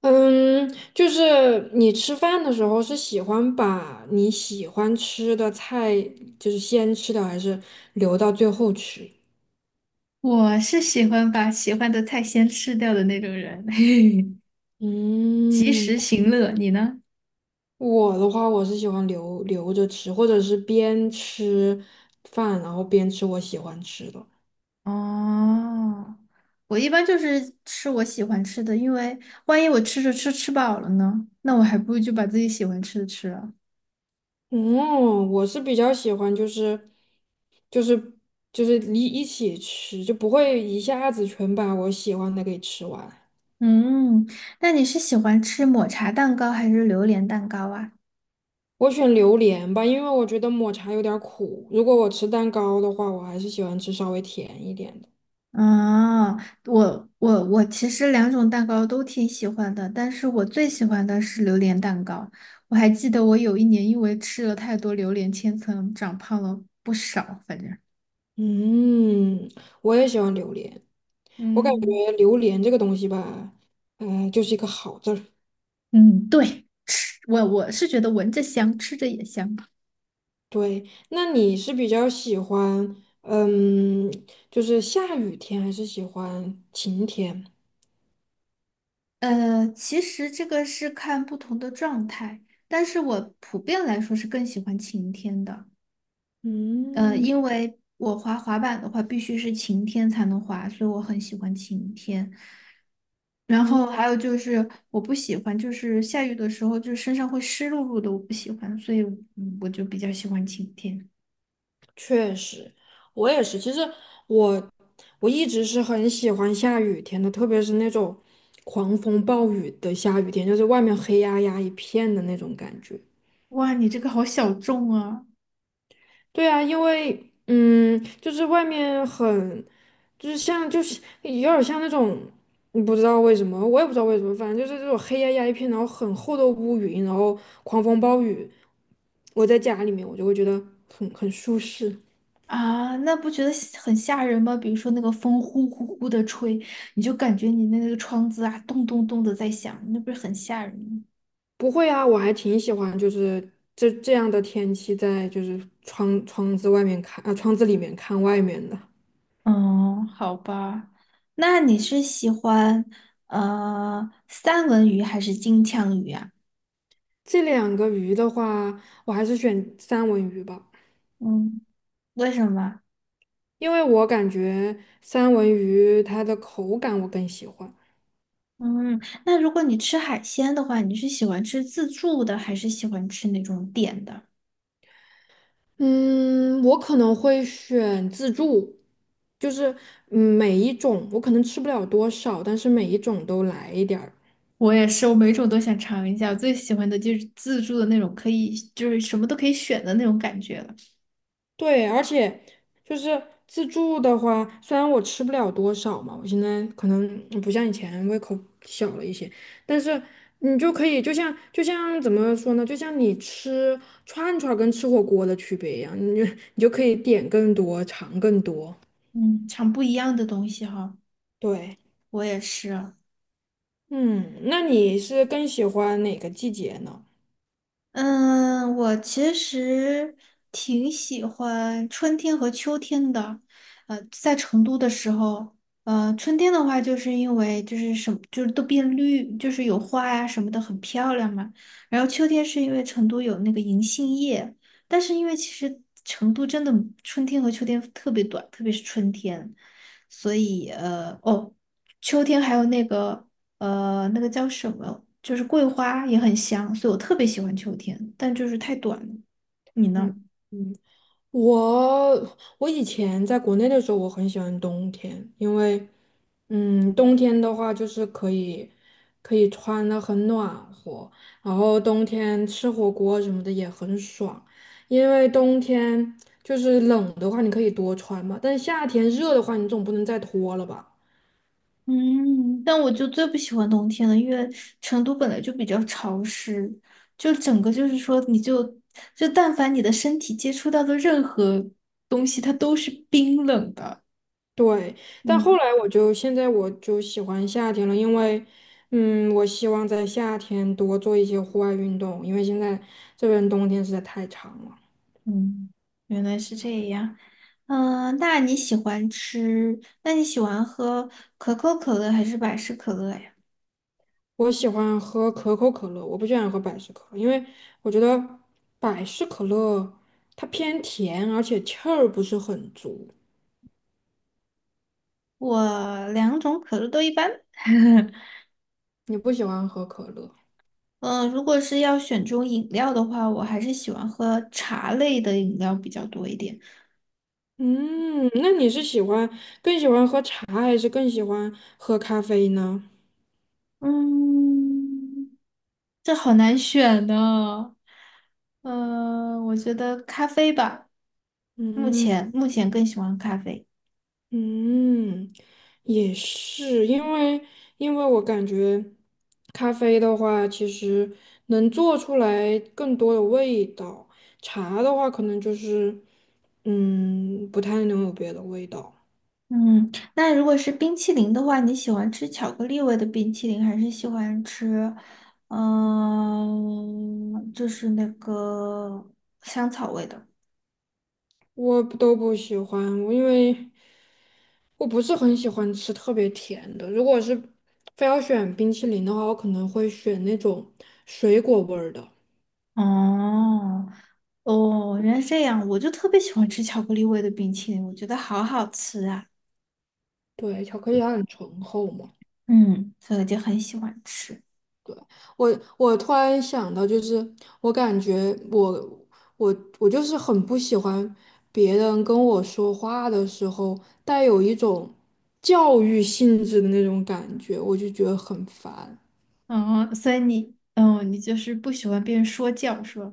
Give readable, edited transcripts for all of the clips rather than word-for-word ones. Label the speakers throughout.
Speaker 1: 嗯，就是你吃饭的时候是喜欢把你喜欢吃的菜先吃掉，还是留到最后吃？
Speaker 2: 我是喜欢把喜欢的菜先吃掉的那种人，及
Speaker 1: 嗯，
Speaker 2: 时行乐。你呢？
Speaker 1: 我的话我是喜欢留着吃，或者是边吃饭然后边吃我喜欢吃的。
Speaker 2: 哦，我一般就是吃我喜欢吃的，因为万一我吃着吃饱了呢，那我还不如就把自己喜欢吃的吃了。
Speaker 1: 嗯，我是比较喜欢就是就是一起吃，就不会一下子全把我喜欢的给吃完。
Speaker 2: 嗯，那你是喜欢吃抹茶蛋糕还是榴莲蛋糕啊？
Speaker 1: 我选榴莲吧，因为我觉得抹茶有点儿苦。如果我吃蛋糕的话，我还是喜欢吃稍微甜一点的。
Speaker 2: 啊，我其实两种蛋糕都挺喜欢的，但是我最喜欢的是榴莲蛋糕。我还记得我有一年因为吃了太多榴莲千层，长胖了不少，反正。
Speaker 1: 嗯，我也喜欢榴莲。我感
Speaker 2: 嗯，
Speaker 1: 觉榴莲这个东西吧，就是一个好字儿。
Speaker 2: 嗯，对，吃我是觉得闻着香，吃着也香。
Speaker 1: 对，那你是比较喜欢，嗯，就是下雨天，还是喜欢晴天？
Speaker 2: 其实这个是看不同的状态，但是我普遍来说是更喜欢晴天的。
Speaker 1: 嗯
Speaker 2: 因为我滑滑板的话，必须是晴天才能滑，所以我很喜欢晴天。然
Speaker 1: 嗯，
Speaker 2: 后还有就是我不喜欢，就是下雨的时候，就是身上会湿漉漉的，我不喜欢，所以嗯我就比较喜欢晴天。
Speaker 1: 确实，我也是。其实我我一直是很喜欢下雨天的，特别是那种狂风暴雨的下雨天，就是外面黑压压一片的那种感觉。
Speaker 2: 哇，你这个好小众啊！
Speaker 1: 对啊，因为嗯，就是外面很，就是像就是有点儿像那种，嗯不知道为什么，我也不知道为什么，反正就是这种黑压压一片，然后很厚的乌云，然后狂风暴雨。我在家里面，我就会觉得很舒适。
Speaker 2: 啊，那不觉得吓很吓人吗？比如说那个风呼呼呼的吹，你就感觉你那个窗子啊，咚咚咚的在响，那不是很吓人吗？
Speaker 1: 不会啊，我还挺喜欢，就是这样的天气，在就是窗子外面看，啊，窗子里面看外面的。
Speaker 2: 嗯，好吧，那你是喜欢三文鱼还是金枪鱼啊？
Speaker 1: 这两个鱼的话，我还是选三文鱼吧，
Speaker 2: 嗯，为什么？
Speaker 1: 因为我感觉三文鱼它的口感我更喜欢。
Speaker 2: 嗯，那如果你吃海鲜的话，你是喜欢吃自助的，还是喜欢吃那种点的？
Speaker 1: 嗯，我可能会选自助，就是嗯每一种我可能吃不了多少，但是每一种都来一点儿。
Speaker 2: 我也是，我每种都想尝一下。我最喜欢的就是自助的那种，可以就是什么都可以选的那种感觉了。
Speaker 1: 对，而且就是自助的话，虽然我吃不了多少嘛，我现在可能不像以前胃口小了一些，但是你就可以，就像怎么说呢，就像你吃串串儿跟吃火锅的区别一样，你就可以点更多，尝更多。
Speaker 2: 嗯，尝不一样的东西哈。
Speaker 1: 对，
Speaker 2: 我也是。
Speaker 1: 嗯，那你是更喜欢哪个季节呢？
Speaker 2: 嗯，我其实挺喜欢春天和秋天的。在成都的时候，春天的话，就是因为就是什么，就是都变绿，就是有花呀、什么的，很漂亮嘛。然后秋天是因为成都有那个银杏叶，但是因为其实成都真的春天和秋天特别短，特别是春天，所以哦。秋天还有那个那个叫什么，就是桂花也很香，所以我特别喜欢秋天，但就是太短了。你
Speaker 1: 嗯
Speaker 2: 呢？
Speaker 1: 嗯。我以前在国内的时候，我很喜欢冬天，因为，嗯，冬天的话就是可以穿的很暖和，然后冬天吃火锅什么的也很爽，因为冬天就是冷的话，你可以多穿嘛，但夏天热的话，你总不能再脱了吧。
Speaker 2: 嗯，但我就最不喜欢冬天了，因为成都本来就比较潮湿，就整个就是说，就但凡你的身体接触到的任何东西，它都是冰冷的。
Speaker 1: 对，但后
Speaker 2: 嗯
Speaker 1: 来现在我就喜欢夏天了，因为，嗯，我希望在夏天多做一些户外运动，因为现在这边冬天实在太长了。
Speaker 2: 嗯，原来是这样。嗯、那你喜欢喝可口可乐还是百事可乐呀？
Speaker 1: 我喜欢喝可口可乐，我不喜欢喝百事可乐，因为我觉得百事可乐它偏甜，而且气儿不是很足。
Speaker 2: 我两种可乐都一般。
Speaker 1: 你不喜欢喝可乐？
Speaker 2: 嗯，如果是要选中饮料的话，我还是喜欢喝茶类的饮料比较多一点。
Speaker 1: 嗯，那你是更喜欢喝茶，还是更喜欢喝咖啡呢？
Speaker 2: 嗯，这好难选呢。嗯，我觉得咖啡吧，目
Speaker 1: 嗯。
Speaker 2: 前目前更喜欢咖啡。
Speaker 1: 嗯，也是，因为我感觉咖啡的话，其实能做出来更多的味道，茶的话可能就是，嗯，不太能有别的味道。
Speaker 2: 嗯，那如果是冰淇淋的话，你喜欢吃巧克力味的冰淇淋，还是喜欢吃，嗯、就是那个香草味的？
Speaker 1: 我都不喜欢，因为我不是很喜欢吃特别甜的，如果是非要选冰淇淋的话，我可能会选那种水果味儿的。
Speaker 2: 哦，哦，原来是这样，我就特别喜欢吃巧克力味的冰淇淋，我觉得好好吃啊。
Speaker 1: 对，巧克力它很醇厚嘛。
Speaker 2: 嗯，所以我就很喜欢吃。
Speaker 1: 对，我我突然想到，就是我感觉我我就是很不喜欢别人跟我说话的时候带有一种教育性质的那种感觉，我就觉得很烦。
Speaker 2: 哦，所以你，嗯，你就是不喜欢别人说教，是吧？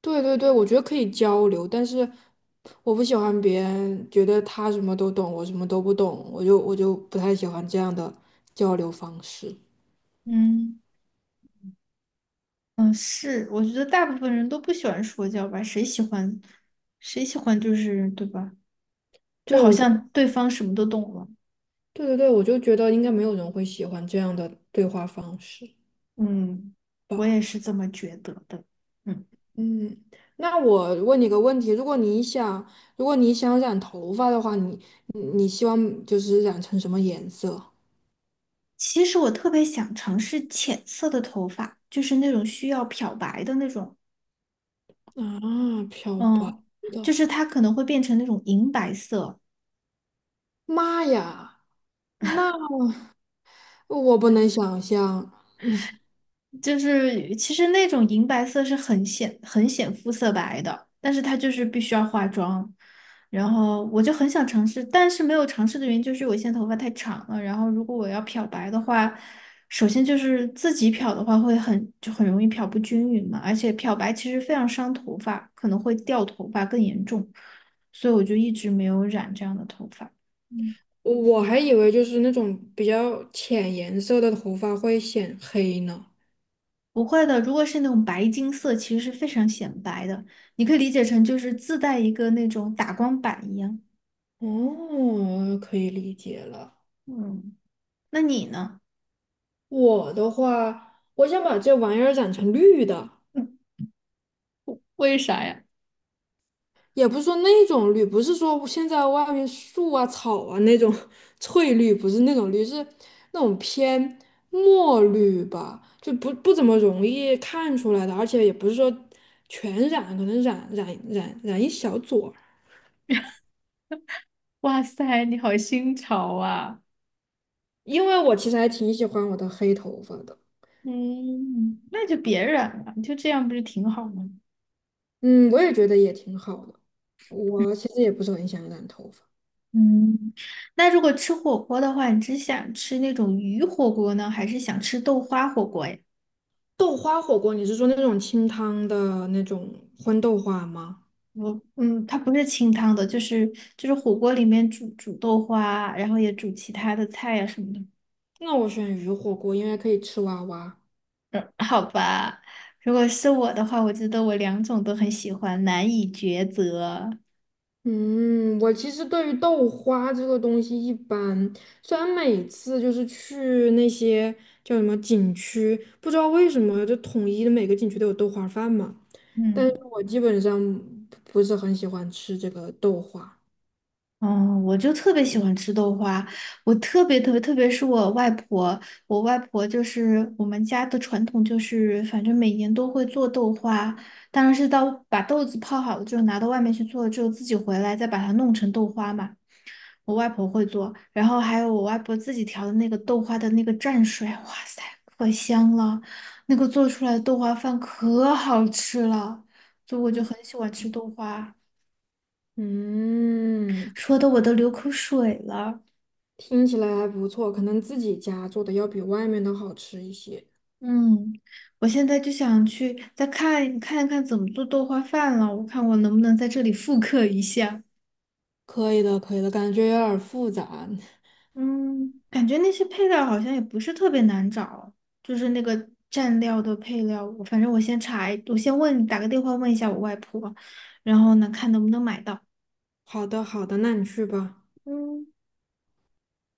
Speaker 1: 对对对，我觉得可以交流，但是我不喜欢别人觉得他什么都懂，我什么都不懂，我就不太喜欢这样的交流方式。
Speaker 2: 嗯嗯，是，我觉得大部分人都不喜欢说教吧，谁喜欢就是对吧？就
Speaker 1: 对，
Speaker 2: 好
Speaker 1: 我，
Speaker 2: 像对方什么都懂了。
Speaker 1: 对对对，我就觉得应该没有人会喜欢这样的对话方式
Speaker 2: 嗯，我
Speaker 1: 吧。
Speaker 2: 也是这么觉得的。嗯。
Speaker 1: 嗯，那我问你个问题：如果你想染头发的话，你希望就是染成什么颜色？
Speaker 2: 其实我特别想尝试浅色的头发，就是那种需要漂白的那种，
Speaker 1: 啊，漂白
Speaker 2: 嗯，就
Speaker 1: 的，
Speaker 2: 是它可能会变成那种银白色，
Speaker 1: 妈呀，那我不能想象，
Speaker 2: 就是其实那种银白色是很显肤色白的，但是它就是必须要化妆。然后我就很想尝试，但是没有尝试的原因就是我现在头发太长了。然后如果我要漂白的话，首先就是自己漂的话会很就很容易漂不均匀嘛，而且漂白其实非常伤头发，可能会掉头发更严重，所以我就一直没有染这样的头发。嗯。
Speaker 1: 我还以为就是那种比较浅颜色的头发会显黑呢。
Speaker 2: 不会的，如果是那种白金色，其实是非常显白的，你可以理解成就是自带一个那种打光板一样。
Speaker 1: 哦，可以理解了。
Speaker 2: 嗯，那你呢？
Speaker 1: 我的话，我想把这玩意儿染成绿的。
Speaker 2: 为啥呀？
Speaker 1: 也不是说那种绿，不是说现在外面树啊、草啊那种 翠绿，不是那种绿，是那种偏墨绿吧，就不怎么容易看出来的，而且也不是说全染，可能染一小撮儿，
Speaker 2: 哇塞，你好新潮啊！
Speaker 1: 因为我其实还挺喜欢我的黑头发的。
Speaker 2: 嗯，那就别染了，就这样不是挺好吗？
Speaker 1: 嗯，我也觉得也挺好的。我其实也不是很想染头发。
Speaker 2: 嗯，那如果吃火锅的话，你只想吃那种鱼火锅呢，还是想吃豆花火锅呀？
Speaker 1: 豆花火锅，你是说那种清汤的那种荤豆花吗？
Speaker 2: 我嗯，它不是清汤的，就是就是火锅里面煮豆花，然后也煮其他的菜呀、什么的。
Speaker 1: 那我选鱼火锅，因为可以吃蛙蛙。
Speaker 2: 嗯，好吧，如果是我的话，我觉得我两种都很喜欢，难以抉择。
Speaker 1: 嗯，我其实对于豆花这个东西一般，虽然每次就是去那些叫什么景区，不知道为什么就统一的每个景区都有豆花饭嘛，
Speaker 2: 嗯
Speaker 1: 我基本上不是很喜欢吃这个豆花。
Speaker 2: 哦，我就特别喜欢吃豆花，我特别特别，特别是我外婆，我外婆就是我们家的传统，就是反正每年都会做豆花，当然是到把豆子泡好了之后拿到外面去做了之后，自己回来再把它弄成豆花嘛。我外婆会做，然后还有我外婆自己调的那个豆花的那个蘸水，哇塞，可香了！那个做出来的豆花饭可好吃了，所以我就
Speaker 1: 嗯，
Speaker 2: 很喜欢吃豆花，
Speaker 1: 嗯，
Speaker 2: 说的我都流口水了。
Speaker 1: 听起来还不错，可能自己家做的要比外面的好吃一些。
Speaker 2: 嗯，我现在就想去看一看怎么做豆花饭了，我看我能不能在这里复刻一下。
Speaker 1: 可以的，可以的，感觉有点儿复杂。
Speaker 2: 嗯，感觉那些配料好像也不是特别难找，就是那个蘸料的配料，我反正我先问，打个电话问一下我外婆，然后呢，看能不能买到。
Speaker 1: 好的，好的，那你去吧。
Speaker 2: 嗯。